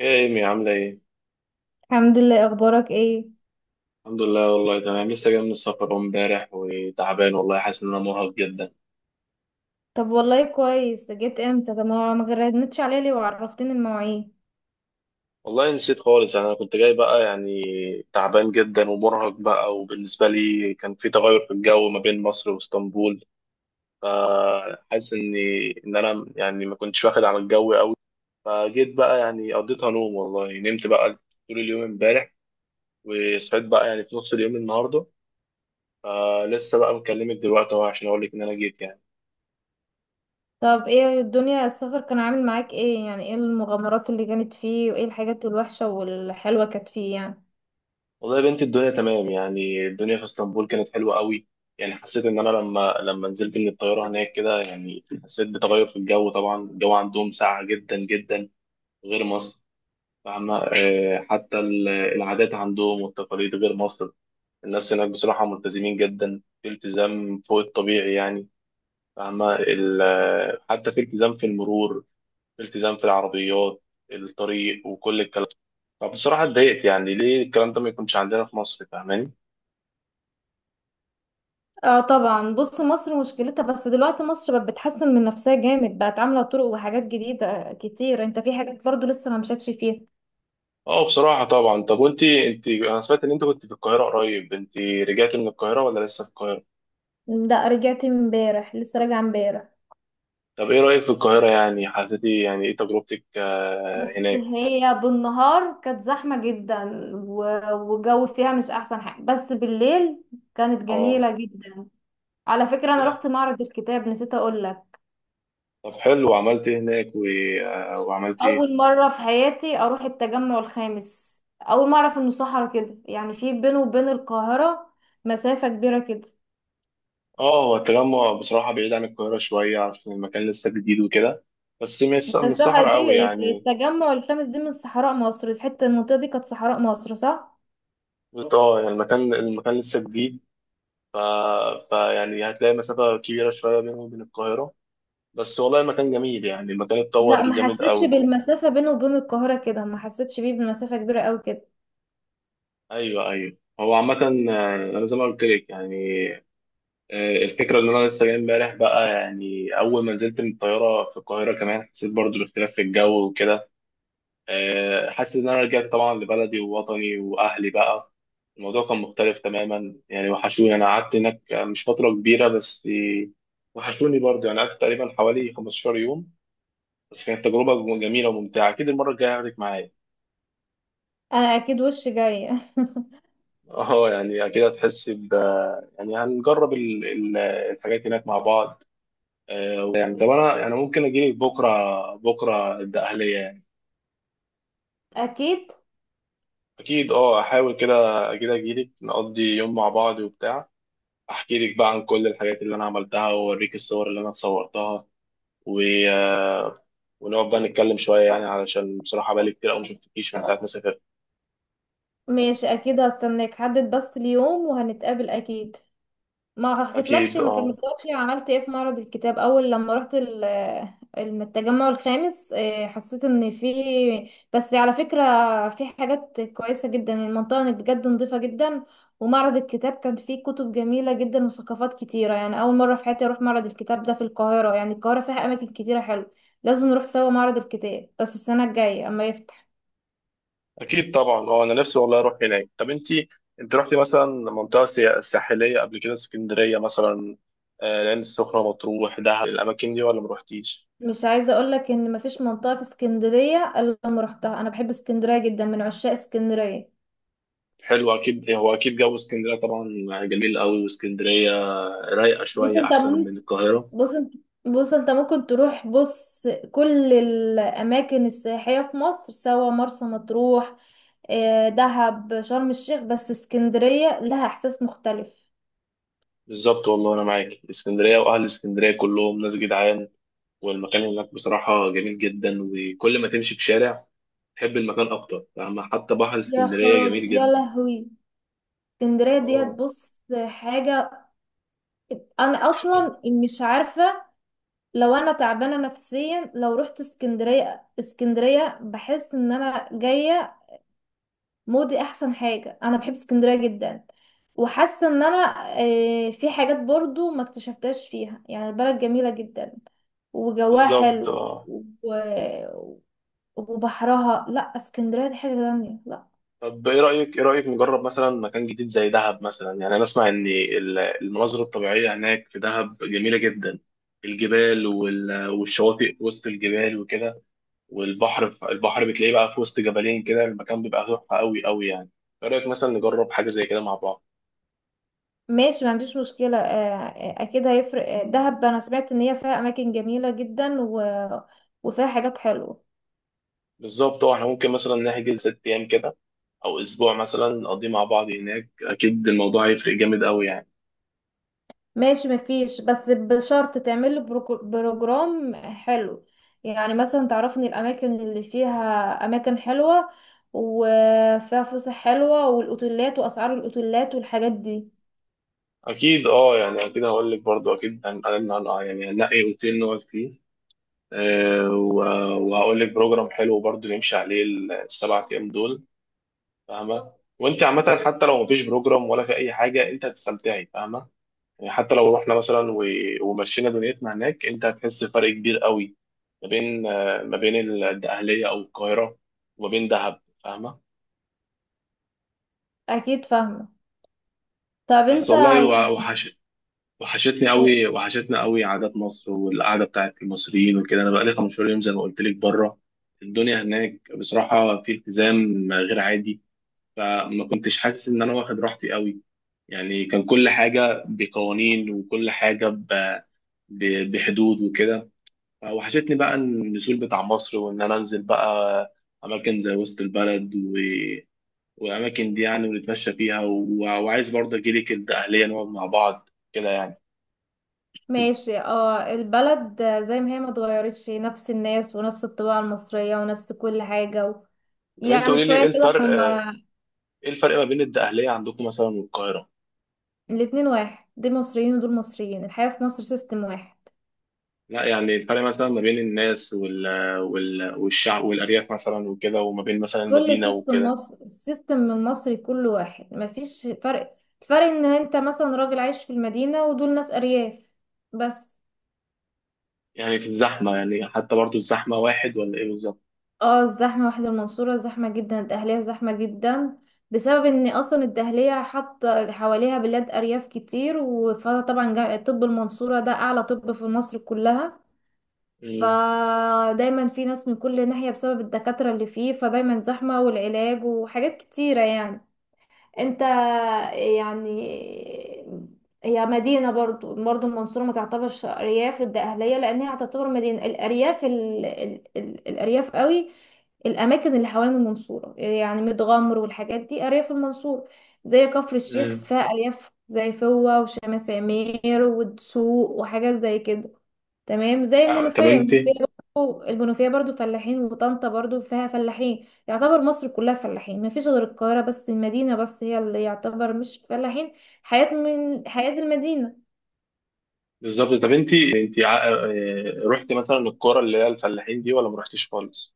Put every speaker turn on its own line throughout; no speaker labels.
ايه يا ايمي عاملة ايه؟
الحمد لله، اخبارك ايه؟
الحمد لله، والله تمام. لسه جاي من السفر أهو امبارح، وتعبان والله. حاسس ان انا مرهق جدا.
طب والله كويس، جيت امتى؟ طب ما جردتش عليا ليه وعرفتني المواعيد؟
والله نسيت خالص، يعني انا كنت جاي بقى يعني تعبان جدا ومرهق بقى. وبالنسبة لي كان في تغير في الجو ما بين مصر واسطنبول، فحاسس اني ان انا يعني ما كنتش واخد على الجو قوي. فجيت بقى، يعني قضيتها نوم. والله نمت بقى طول اليوم امبارح، وصحيت بقى يعني في نص اليوم النهارده. فلسه بقى مكلمك دلوقتي اهو عشان اقول لك ان انا جيت يعني.
طب ايه الدنيا؟ السفر كان عامل معاك ايه يعني؟ ايه المغامرات اللي كانت فيه وايه الحاجات الوحشة والحلوة كانت فيه يعني؟
والله يا بنتي الدنيا تمام، يعني الدنيا في اسطنبول كانت حلوة قوي. يعني حسيت ان انا لما نزلت من الطيارة هناك كده، يعني حسيت بتغير في الجو. طبعا الجو عندهم ساقع جدا جدا، غير مصر. فاهمة؟ حتى العادات عندهم والتقاليد غير مصر. الناس هناك بصراحة ملتزمين جدا، في التزام فوق الطبيعي يعني. فاهمة؟ حتى في التزام في المرور، في التزام في العربيات، الطريق وكل الكلام. فبصراحة اتضايقت، يعني ليه الكلام ده ما يكونش عندنا في مصر؟ فاهماني؟
اه طبعا. بص، مصر مشكلتها بس دلوقتي مصر بقت بتحسن من نفسها جامد، بقت عاملة طرق وحاجات جديدة كتير. انت في حاجات برضو لسه ما مشيتش فيها.
اه بصراحة طبعا. طب وانت، انت انا سمعت ان انت كنت في القاهرة قريب. انت رجعتي من القاهرة ولا لسه في القاهرة؟
لا، رجعت امبارح، لسه راجعة امبارح.
طب ايه رأيك في القاهرة؟ يعني حسيتي يعني ايه تجربتك
بص،
هناك؟
هي بالنهار كانت زحمة جدا، والجو فيها مش أحسن حاجة، بس بالليل كانت
اه.
جميلة جدا. على فكرة أنا رحت معرض الكتاب، نسيت أقول لك.
طب حلو، وعملت ايه هناك وعملت ايه؟
أول مرة في حياتي أروح التجمع الخامس، أول مرة أعرف إنه صحرا كده يعني، في بينه وبين القاهرة مسافة كبيرة كده.
اه. هو التجمع بصراحة بعيد عن القاهرة شوية، عشان المكان لسه جديد وكده. بس مش
انت
مش
الصحراء
صحراء قوي
دي،
يعني.
التجمع الخامس دي، من صحراء مصر، الحتة المنطقة دي كانت صحراء مصر، صح؟
اه، يعني المكان لسه جديد. ف... فيعني هتلاقي مسافة كبيرة شوية بينه وبين القاهرة. بس والله المكان جميل، يعني المكان
لا،
اتطور
ما
جامد
حسيتش
قوي.
بالمسافة بينه وبين القاهرة كده، ما حسيتش بيه بالمسافة كبيرة قوي كده.
ايوه ايوه. هو عامة، انا زي ما قلت لك يعني. الفكرة ان انا لسه جاي امبارح بقى. يعني اول ما نزلت من الطيارة في القاهرة كمان، حسيت برضو باختلاف في الجو وكده. حاسس ان انا رجعت طبعا لبلدي ووطني واهلي بقى. الموضوع كان مختلف تماما يعني. وحشوني، انا قعدت هناك مش فترة كبيرة، بس وحشوني برضو. يعني قعدت تقريبا حوالي 15 يوم، بس كانت تجربة جميلة وممتعة. اكيد المرة الجاية هاخدك معايا.
انا اكيد وش جاية
اه، يعني اكيد هتحسي ب... يعني هنجرب الحاجات هناك مع بعض. يعني طب انا يعني ممكن اجيلك بكره، بكره الدقهلية يعني.
اكيد.
اكيد اه، احاول كده. اكيد اجيلك نقضي يوم مع بعض وبتاع. احكي لك بقى عن كل الحاجات اللي انا عملتها، واوريك الصور اللي انا صورتها، و... آه، ونقعد بقى نتكلم شويه. يعني علشان بصراحه بقالي كتير قوي ما شفتكيش من ساعه ما سافرت.
ماشي، اكيد هستناك، حدد بس اليوم وهنتقابل اكيد. ما حكيتلكش،
اكيد
ما
اه.
كملتلكش عملت ايه في معرض الكتاب اول لما رحت التجمع الخامس. حسيت ان في، بس على فكرة، في حاجات كويسة جدا. المنطقة هناك بجد نظيفة جدا، ومعرض الكتاب كان فيه كتب جميلة جدا وثقافات كتيرة يعني. اول مرة في حياتي اروح معرض الكتاب ده في القاهرة، يعني القاهرة فيها اماكن كتيرة حلوة. لازم نروح سوا معرض الكتاب، بس السنة الجاية اما يفتح.
اكيد طبعا، هو انا نفسي والله اروح هناك. طب انت، انت رحتي مثلا منطقه ساحليه قبل كده؟ اسكندريه مثلا، العين السخنه، مطروح، دهب، الاماكن دي ولا ما روحتيش؟
مش عايزة اقولك ان مفيش منطقة في اسكندرية الا لما روحتها، انا بحب اسكندرية جدا، من عشاق اسكندرية.
حلو، اكيد. هو اكيد جو اسكندريه طبعا جميل قوي. واسكندريه رايقه
بص
شويه
انت
احسن
ممكن
من القاهره.
بص انت بص، انت ممكن تروح، بص، كل الاماكن السياحية في مصر، سواء مرسى مطروح، دهب، شرم الشيخ، بس اسكندرية لها احساس مختلف.
بالظبط، والله انا معاك. اسكندريه واهل اسكندريه كلهم ناس جدعان، والمكان هناك بصراحه جميل جدا. وكل ما تمشي في شارع تحب المكان اكتر، فاهمة؟ حتى بحر
يا
اسكندريه
خرابي
جميل
يا
جدا.
لهوي، اسكندرية ديت
اه.
بص حاجة. انا اصلا مش عارفة، لو انا تعبانه نفسيا، لو رحت اسكندريه، اسكندريه بحس ان انا جايه مودي. احسن حاجه، انا بحب اسكندريه جدا. وحاسه ان انا، في حاجات برضو ما اكتشفتهاش فيها، يعني البلد جميله جدا وجواها
بالظبط
حلو،
اه.
و- وبحرها، لا اسكندريه دي حاجه تانية، لا.
طب ايه رايك، ايه رايك نجرب مثلا مكان جديد زي دهب مثلا؟ يعني انا اسمع ان المناظر الطبيعيه هناك في دهب جميله جدا، الجبال والشواطئ وسط الجبال وكده. والبحر البحر بتلاقيه بقى في وسط جبلين كده، المكان بيبقى تحفه قوي قوي يعني. ايه رايك مثلا نجرب حاجه زي كده مع بعض؟
ماشي، ما عنديش مشكله. اكيد هيفرق. دهب انا سمعت ان هي فيها اماكن جميله جدا وفيها حاجات حلوه.
بالظبط اه. احنا ممكن مثلا نحجز ست ايام كده، او اسبوع مثلا، نقضيه مع بعض هناك. اكيد الموضوع هيفرق جامد قوي يعني.
ماشي، مفيش، بس بشرط تعمل له بروجرام حلو، يعني مثلا تعرفني الاماكن اللي فيها اماكن حلوه وفيها فسح حلوه والاوتيلات واسعار الاوتيلات والحاجات دي.
اكيد اه. يعني اكيد هقول لك برضو، اكيد يعني هنلاقي اوتيل نقعد فيه. وهقول لك بروجرام حلو برضو نمشي عليه السبع ايام دول. فاهمه؟ وانت عامه، حتى لو مفيش بروجرام ولا في اي حاجه، انت هتستمتعي، فاهمه؟ يعني حتى لو رحنا مثلا ومشينا دنيتنا هناك، انت هتحس بفرق كبير قوي ما بين ما بين الدقهليه او القاهره، وما بين دهب، فاهمه؟
اكيد فاهمه. طب
بس
انت
والله
يعني...
وحش. وحشتني
إيه؟
قوي، وحشتنا قوي عادات مصر والقعده بتاعت المصريين وكده. انا بقالي 15 يوم زي ما قلت لك بره. الدنيا هناك بصراحه في التزام غير عادي، فما كنتش حاسس ان انا واخد راحتي قوي. يعني كان كل حاجه بقوانين، وكل حاجه بحدود وكده. فوحشتني بقى النزول بتاع مصر، وان انا انزل بقى اماكن زي وسط البلد والاماكن دي يعني، ونتمشى فيها، وعايز برضه اجيلك الدقهليه نقعد مع بعض كده يعني.
ماشي، اه البلد زي ما هي، ما اتغيرتش، نفس الناس ونفس الطباع المصريه ونفس كل حاجه،
طب انت
يعني
قولي لي،
شويه
ايه
كده
الفرق،
لما...
ايه الفرق ما بين الدقهليه عندكم مثلا والقاهره؟
الاتنين واحد، دول مصريين ودول مصريين، الحياه في مصر سيستم واحد.
لا، يعني الفرق مثلا ما بين الناس والشعب والارياف مثلا وكده، وما بين مثلا
كل
المدينه
سيستم
وكده.
مصر، السيستم المصري كله واحد، مفيش فرق. الفرق ان انت مثلا راجل عايش في المدينة ودول ناس ارياف، بس.
يعني في الزحمة، يعني حتى برضو الزحمة واحد ولا ايه بالظبط؟
اه، الزحمة واحد. المنصورة زحمة جدا، الدهلية زحمة جدا، بسبب ان اصلا الدهلية حاطة حواليها بلاد ارياف كتير، فطبعا طب المنصورة ده اعلى طب في مصر كلها،
مم.
فدايما في ناس من كل ناحية بسبب الدكاترة اللي فيه، فدايما زحمة والعلاج وحاجات كتيرة يعني. انت يعني، هي مدينة برضو، برضو المنصورة ما تعتبرش أرياف الدقهلية، لأن هي تعتبر مدينة. الأرياف الأرياف قوي، الأماكن اللي حوالين المنصورة، يعني متغمر والحاجات دي أرياف المنصورة، زي كفر الشيخ
مم.
فيها أرياف زي فوة وشمس عمير والدسوق وحاجات زي كده. تمام. زي
طب
المنوفية،
انت.
المنوفية برضو، المنوفية برضو فلاحين، وطنطا برضو فيها فلاحين. يعتبر مصر كلها فلاحين، مفيش غير القاهرة بس، المدينة بس هي اللي يعتبر مش فلاحين، حياة من حياة المدينة.
بالظبط. طب انت، انت رحت مثلا الكرة اللي هي الفلاحين دي ولا ما رحتيش خالص؟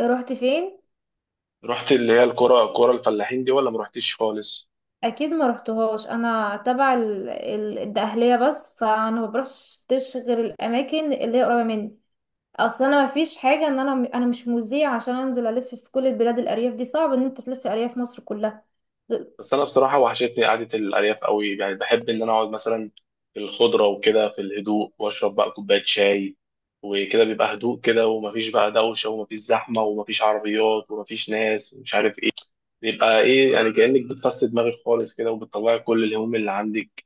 رحت فين؟
رحت اللي هي الكرة، كرة الفلاحين دي، ولا ما رحتيش خالص؟
اكيد ما رحتهاش، انا تبع الدقهلية بس، فانا ما بروحش غير الاماكن اللي هي قريبة مني. اصل انا مفيش حاجة ان انا مش مذيع عشان انزل الف في كل البلاد الارياف دي، صعب ان انت تلف ارياف مصر كلها.
بس انا بصراحة وحشتني قعدة الأرياف قوي. يعني بحب ان انا اقعد مثلا في الخضرة وكده، في الهدوء، واشرب بقى كوباية شاي وكده. بيبقى هدوء كده، ومفيش بقى دوشة، ومفيش زحمة، ومفيش عربيات، ومفيش ناس، ومش عارف يبقى ايه. يعني كأنك بتفسد دماغك خالص كده، وبتطلعي كل الهموم اللي عندك،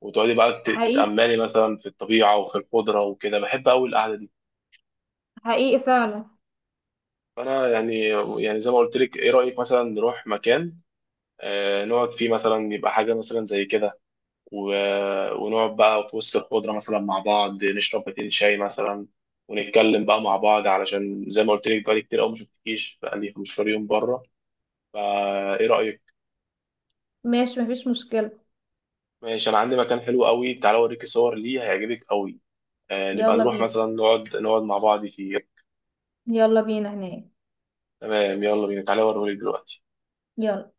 وتقعدي بقى
حقيقي،
تتأملي مثلا في الطبيعة وفي الخضرة وكده. بحب قوي القعدة دي.
حقيقي فعلا.
فانا يعني، يعني زي ما قلت لك، ايه رأيك مثلا نروح مكان نقعد فيه مثلا؟ يبقى حاجة مثلا زي كده. ونقعد بقى في وسط الخضرة مثلا مع بعض، نشرب باتين شاي مثلا، ونتكلم بقى مع بعض. علشان زي ما قلت لك بقالي كتير قوي ما شفتكيش، بقالي 15 يوم بره. فايه رأيك؟
ماشي، مفيش مشكلة.
ماشي. انا عندي مكان حلو قوي، تعالى اوريك صور ليه هيعجبك قوي. نبقى
يلا
نروح
بينا،
مثلا نقعد مع بعض فيه.
يلا بينا هناك.
تمام، يلا بينا، تعالى اوريهولك دلوقتي.
يلا.